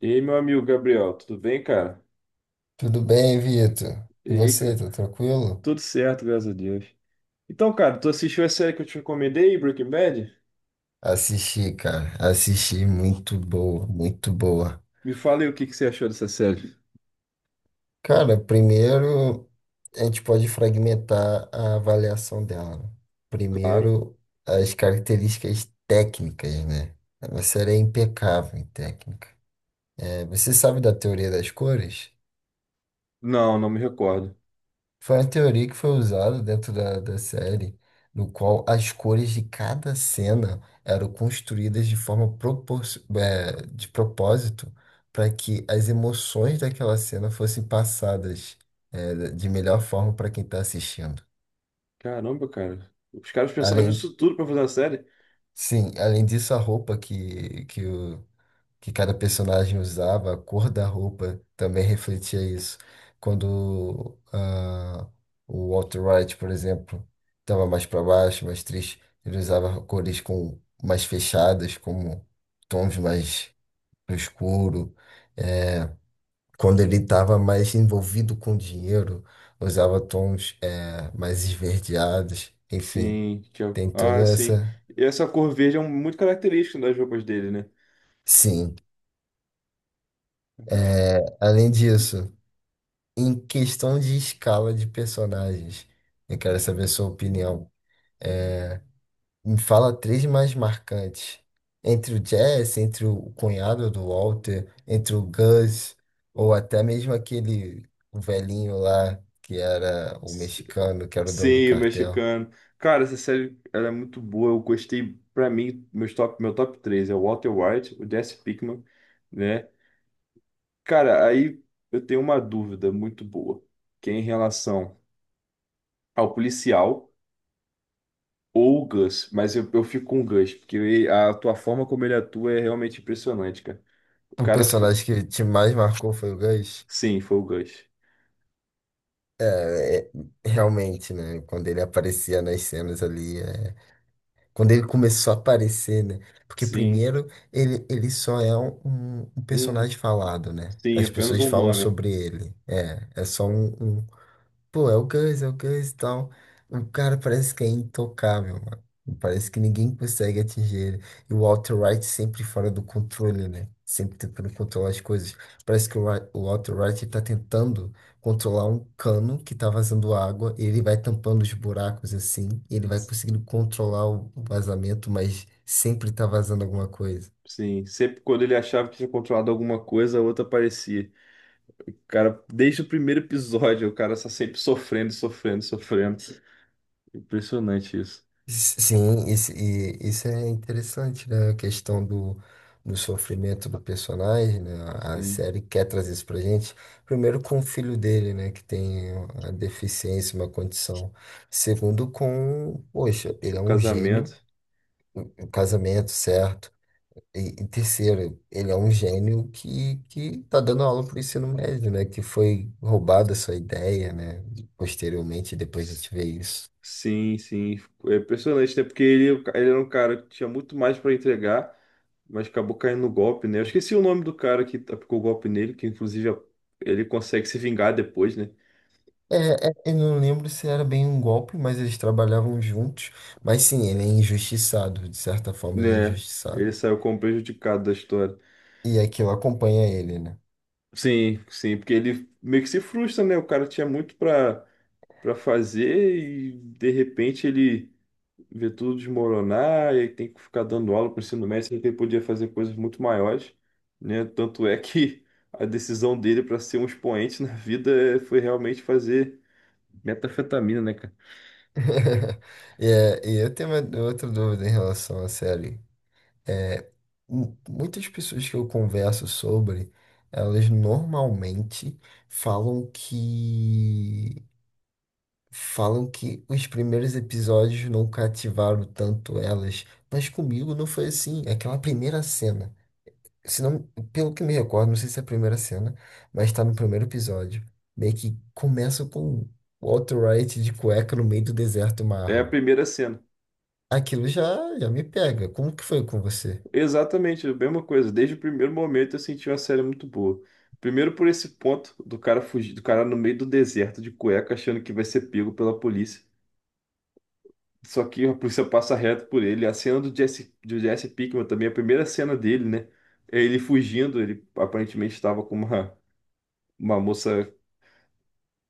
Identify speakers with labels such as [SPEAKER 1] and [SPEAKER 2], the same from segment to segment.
[SPEAKER 1] E aí, meu amigo Gabriel, tudo bem, cara?
[SPEAKER 2] Tudo bem, Vitor?
[SPEAKER 1] E
[SPEAKER 2] E
[SPEAKER 1] aí,
[SPEAKER 2] você,
[SPEAKER 1] cara?
[SPEAKER 2] tá tranquilo?
[SPEAKER 1] Tudo certo, graças a Deus. Então, cara, tu assistiu a série que eu te recomendei, Breaking Bad?
[SPEAKER 2] Assisti, cara. Assisti, muito boa, muito boa.
[SPEAKER 1] Me fala aí o que que você achou dessa série.
[SPEAKER 2] Cara, primeiro a gente pode fragmentar a avaliação dela, né?
[SPEAKER 1] Claro.
[SPEAKER 2] Primeiro, as características técnicas, né? Ela série é impecável em técnica. É, você sabe da teoria das cores?
[SPEAKER 1] Não, não me recordo.
[SPEAKER 2] Foi uma teoria que foi usada dentro da série, no qual as cores de cada cena eram construídas de forma de propósito para que as emoções daquela cena fossem passadas, de melhor forma para quem está assistindo.
[SPEAKER 1] Caramba, cara. Os caras pensaram
[SPEAKER 2] Além,
[SPEAKER 1] nisso tudo pra fazer a série?
[SPEAKER 2] sim, além disso, a roupa que que cada personagem usava, a cor da roupa também refletia isso. Quando o Walter White, por exemplo, estava mais para baixo, mais triste, ele usava cores com mais fechadas, como tons mais escuro. É, quando ele estava mais envolvido com dinheiro, usava tons mais esverdeados. Enfim,
[SPEAKER 1] Sim,
[SPEAKER 2] tem toda
[SPEAKER 1] ah, sim.
[SPEAKER 2] essa.
[SPEAKER 1] E essa cor verde é muito característica das roupas dele, né?
[SPEAKER 2] Sim. É, além disso. Em questão de escala de personagens, eu quero saber a sua opinião. É, me fala três mais marcantes. Entre o Jess, entre o cunhado do Walter, entre o Gus, ou até mesmo aquele o velhinho lá, que era o
[SPEAKER 1] S-
[SPEAKER 2] mexicano, que era o dono do
[SPEAKER 1] Sim, o
[SPEAKER 2] cartel.
[SPEAKER 1] mexicano. Cara, essa série ela é muito boa. Eu gostei, pra mim, meu top 3 é o Walter White, o Jesse Pinkman, né? Cara, aí eu tenho uma dúvida muito boa, que é em relação ao policial ou o Gus, mas eu fico com o Gus, porque a tua forma como ele atua é realmente impressionante, cara. O
[SPEAKER 2] O
[SPEAKER 1] cara,
[SPEAKER 2] personagem que te mais marcou foi o Gus.
[SPEAKER 1] sim, foi o Gus.
[SPEAKER 2] É, é, realmente, né? Quando ele aparecia nas cenas ali, quando ele começou a aparecer, né? Porque
[SPEAKER 1] Sim,
[SPEAKER 2] primeiro ele só é um
[SPEAKER 1] um,
[SPEAKER 2] personagem falado, né?
[SPEAKER 1] sim,
[SPEAKER 2] As
[SPEAKER 1] apenas
[SPEAKER 2] pessoas
[SPEAKER 1] um
[SPEAKER 2] falam
[SPEAKER 1] nome.
[SPEAKER 2] sobre ele. É, é só um. Pô, é o Gus e tal. O cara parece que é intocável, mano. Parece que ninguém consegue atingir ele. E o Walter White sempre fora do controle, né? Sempre tentando controlar as coisas. Parece que o Walter White ele tá tentando controlar um cano que tá vazando água. E ele vai tampando os buracos assim. E ele vai conseguindo controlar o vazamento, mas sempre tá vazando alguma coisa.
[SPEAKER 1] Sim, sempre quando ele achava que tinha controlado alguma coisa, a outra aparecia. O cara, desde o primeiro episódio, o cara está sempre sofrendo, sofrendo, sofrendo. Impressionante isso.
[SPEAKER 2] Sim, isso, e isso é interessante, né? A questão do sofrimento do personagem, né? A
[SPEAKER 1] Sim,
[SPEAKER 2] série quer trazer isso pra gente. Primeiro com o filho dele, né? Que tem a deficiência, uma condição. Segundo com, poxa, ele
[SPEAKER 1] o
[SPEAKER 2] é um gênio,
[SPEAKER 1] casamento.
[SPEAKER 2] o casamento certo. E terceiro, ele é um gênio que tá dando aula pro ensino médio, né? Que foi roubada sua ideia, né? Posteriormente, depois a gente vê isso.
[SPEAKER 1] Sim, sim. É impressionante, né? Porque ele era um cara que tinha muito mais para entregar, mas acabou caindo no golpe, né? Eu esqueci o nome do cara que aplicou o golpe nele, que inclusive ele consegue se vingar depois, né?
[SPEAKER 2] É, eu não lembro se era bem um golpe, mas eles trabalhavam juntos. Mas sim, ele é injustiçado, de certa forma ele é
[SPEAKER 1] Né?
[SPEAKER 2] injustiçado.
[SPEAKER 1] Ele saiu como prejudicado da história.
[SPEAKER 2] E aquilo acompanha ele, né?
[SPEAKER 1] Sim, sim, porque ele meio que se frustra, né? O cara tinha muito para fazer e de repente ele ver tudo desmoronar e aí tem que ficar dando aula para o ensino médio, sendo que ele podia fazer coisas muito maiores, né? Tanto é que a decisão dele para ser um expoente na vida foi realmente fazer metanfetamina, né, cara?
[SPEAKER 2] E eu tenho uma, outra dúvida em relação à série. É, muitas pessoas que eu converso sobre, elas normalmente falam que falam que os primeiros episódios não cativaram tanto elas. Mas comigo não foi assim. Aquela primeira cena. Se não, pelo que me recordo, não sei se é a primeira cena, mas tá no primeiro episódio. Meio que começa com o Walter White de cueca no meio do deserto, uma
[SPEAKER 1] É a
[SPEAKER 2] arma.
[SPEAKER 1] primeira cena.
[SPEAKER 2] Aquilo já, já me pega. Como que foi com você?
[SPEAKER 1] Exatamente, a mesma coisa. Desde o primeiro momento eu senti uma série muito boa. Primeiro por esse ponto do cara fugir, do cara no meio do deserto de cueca achando que vai ser pego pela polícia. Só que a polícia passa reto por ele. A cena do Jesse Pinkman também, a primeira cena dele, né? É ele fugindo, ele aparentemente estava com uma moça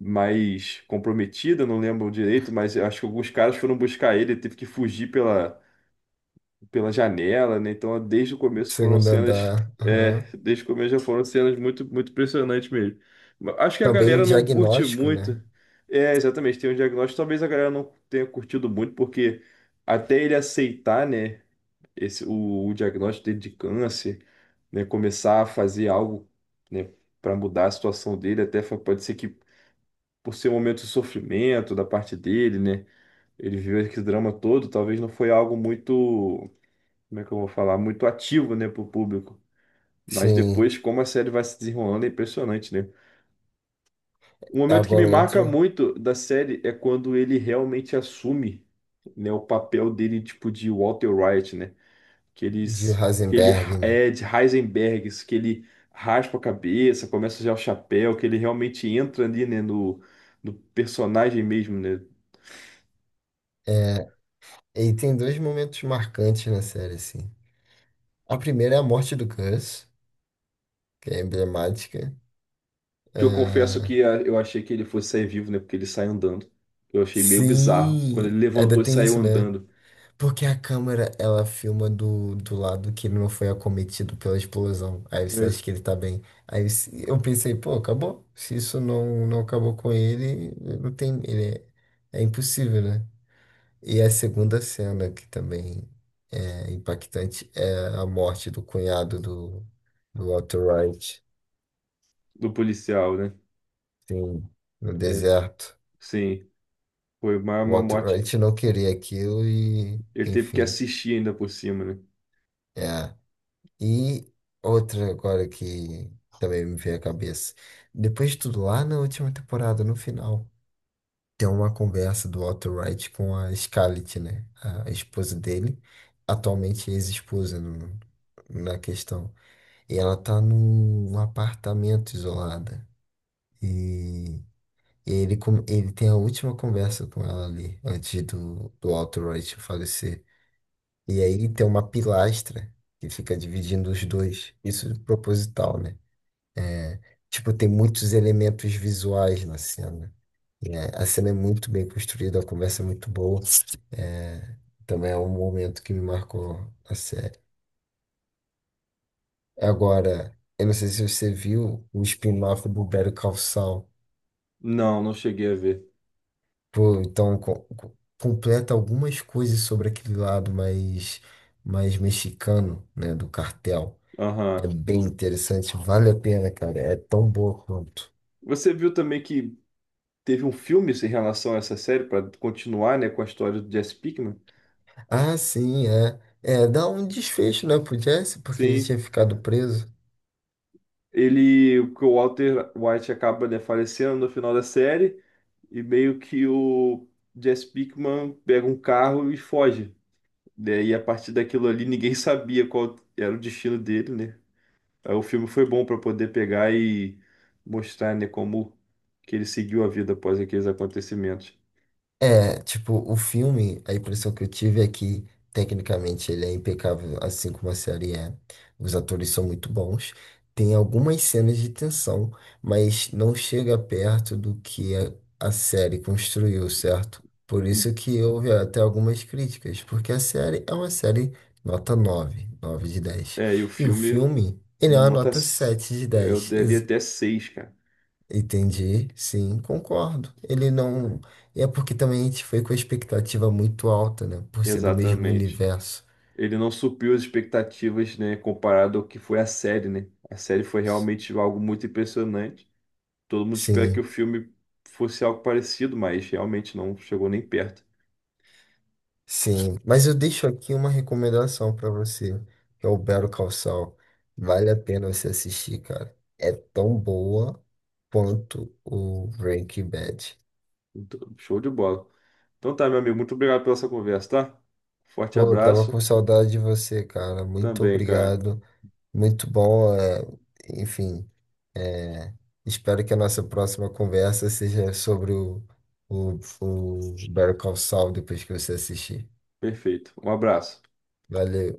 [SPEAKER 1] mais comprometida, não lembro direito, mas eu acho que alguns caras foram buscar ele, ele teve que fugir pela janela, né? Então, desde o começo foram
[SPEAKER 2] Segundo
[SPEAKER 1] cenas,
[SPEAKER 2] andar. Aham.
[SPEAKER 1] desde o começo já foram cenas muito, muito impressionantes mesmo. Mas acho que a
[SPEAKER 2] Também o
[SPEAKER 1] galera não curte
[SPEAKER 2] diagnóstico,
[SPEAKER 1] muito.
[SPEAKER 2] né?
[SPEAKER 1] É, exatamente, tem um diagnóstico, talvez a galera não tenha curtido muito, porque até ele aceitar, né? O diagnóstico dele de câncer, né, começar a fazer algo, né, para mudar a situação dele, pode ser que por ser um momento de sofrimento da parte dele, né, ele viveu esse drama todo, talvez não foi algo muito, como é que eu vou falar, muito ativo, né, para o público. Mas
[SPEAKER 2] Sim.
[SPEAKER 1] depois, como a série vai se desenrolando, é impressionante, né? Um momento que me
[SPEAKER 2] Agora
[SPEAKER 1] marca
[SPEAKER 2] outro
[SPEAKER 1] muito da série é quando ele realmente assume, né, o papel dele, tipo, de Walter White, né,
[SPEAKER 2] de
[SPEAKER 1] que ele
[SPEAKER 2] Heisenberg, né?
[SPEAKER 1] é de Heisenbergs, que ele raspa a cabeça, começa a usar o chapéu, que ele realmente entra ali, né, no, no personagem mesmo, né?
[SPEAKER 2] É, e tem dois momentos marcantes na série, assim. A primeira é a morte do Gus, que é emblemática.
[SPEAKER 1] Que eu confesso
[SPEAKER 2] É,
[SPEAKER 1] que eu achei que ele fosse sair vivo, né, porque ele sai andando. Eu achei meio bizarro quando
[SPEAKER 2] sim,
[SPEAKER 1] ele
[SPEAKER 2] ainda
[SPEAKER 1] levantou e
[SPEAKER 2] tem
[SPEAKER 1] saiu
[SPEAKER 2] isso, né?
[SPEAKER 1] andando,
[SPEAKER 2] Porque a câmera, ela filma do lado que ele não foi acometido pela explosão. Aí você
[SPEAKER 1] né,
[SPEAKER 2] acha que ele tá bem. Aí eu pensei, pô, acabou. Se isso não acabou com ele, não tem, ele é, é impossível, né? E a segunda cena, que também é impactante, é a morte do cunhado do Walter White,
[SPEAKER 1] do policial, né?
[SPEAKER 2] sim, no
[SPEAKER 1] É,
[SPEAKER 2] deserto.
[SPEAKER 1] sim, foi uma,
[SPEAKER 2] O
[SPEAKER 1] uma
[SPEAKER 2] Walter
[SPEAKER 1] morte.
[SPEAKER 2] White não queria aquilo e,
[SPEAKER 1] Ele teve que
[SPEAKER 2] enfim,
[SPEAKER 1] assistir ainda por cima, né?
[SPEAKER 2] é. E outra agora que também me veio à cabeça. Depois de tudo, lá na última temporada, no final, tem uma conversa do Walter White com a Scarlett, né? A esposa dele, atualmente ex-esposa na questão. E ela tá num apartamento isolada. E ele, ele tem a última conversa com ela ali, antes do Walter White falecer. E aí tem uma pilastra que fica dividindo os dois. Isso é proposital, né? Tipo, tem muitos elementos visuais na cena. É, a cena é muito bem construída, a conversa é muito boa. É, também é um momento que me marcou a série. Agora, eu não sei se você viu o spin-off do Better Call Saul.
[SPEAKER 1] Não, não cheguei a ver.
[SPEAKER 2] Pô, então completa algumas coisas sobre aquele lado mais, mais mexicano, né, do cartel. É
[SPEAKER 1] Aham.
[SPEAKER 2] bem interessante, vale a pena, cara. É tão boa quanto.
[SPEAKER 1] Você viu também que teve um filme assim, em relação a essa série para continuar, né, com a história do Jesse Pinkman.
[SPEAKER 2] Ah, sim, é. É, dá um desfecho, né, pro Jesse, porque ele tinha
[SPEAKER 1] Sim,
[SPEAKER 2] ficado preso.
[SPEAKER 1] ele, que o Walter White acaba, né, falecendo no final da série e meio que o Jesse Pinkman pega um carro e foge, né? E a partir daquilo ali ninguém sabia qual era o destino dele, né? Aí o filme foi bom para poder pegar e mostrar, né, como que ele seguiu a vida após aqueles acontecimentos.
[SPEAKER 2] É, tipo, o filme, a impressão que eu tive é que, tecnicamente, ele é impecável, assim como a série é. Os atores são muito bons. Tem algumas cenas de tensão, mas não chega perto do que a série construiu, certo? Por isso que houve até algumas críticas, porque a série é uma série nota 9/10.
[SPEAKER 1] É, e o
[SPEAKER 2] E o
[SPEAKER 1] filme,
[SPEAKER 2] filme, ele é uma
[SPEAKER 1] nota.
[SPEAKER 2] nota
[SPEAKER 1] s-
[SPEAKER 2] sete de
[SPEAKER 1] eu
[SPEAKER 2] dez
[SPEAKER 1] daria até seis, cara.
[SPEAKER 2] Entendi, sim, concordo. Ele não. É porque também a gente foi com a expectativa muito alta, né? Por ser do mesmo
[SPEAKER 1] Exatamente.
[SPEAKER 2] universo.
[SPEAKER 1] Ele não supriu as expectativas, né? Comparado ao que foi a série, né? A série foi realmente algo muito impressionante. Todo mundo espera que o
[SPEAKER 2] Sim,
[SPEAKER 1] filme fosse algo parecido, mas realmente não chegou nem perto.
[SPEAKER 2] sim. Mas eu deixo aqui uma recomendação pra você, que é o Better Call Saul. Vale a pena você assistir, cara. É tão boa quanto o Breaking Bad.
[SPEAKER 1] Então, show de bola. Então tá, meu amigo, muito obrigado pela essa conversa, tá? Forte
[SPEAKER 2] Pô, eu tava
[SPEAKER 1] abraço
[SPEAKER 2] com saudade de você, cara. Muito
[SPEAKER 1] também, cara.
[SPEAKER 2] obrigado. Muito bom. Enfim. Espero que a nossa próxima conversa seja sobre o Better Call Saul depois que você assistir.
[SPEAKER 1] Perfeito. Um abraço.
[SPEAKER 2] Valeu.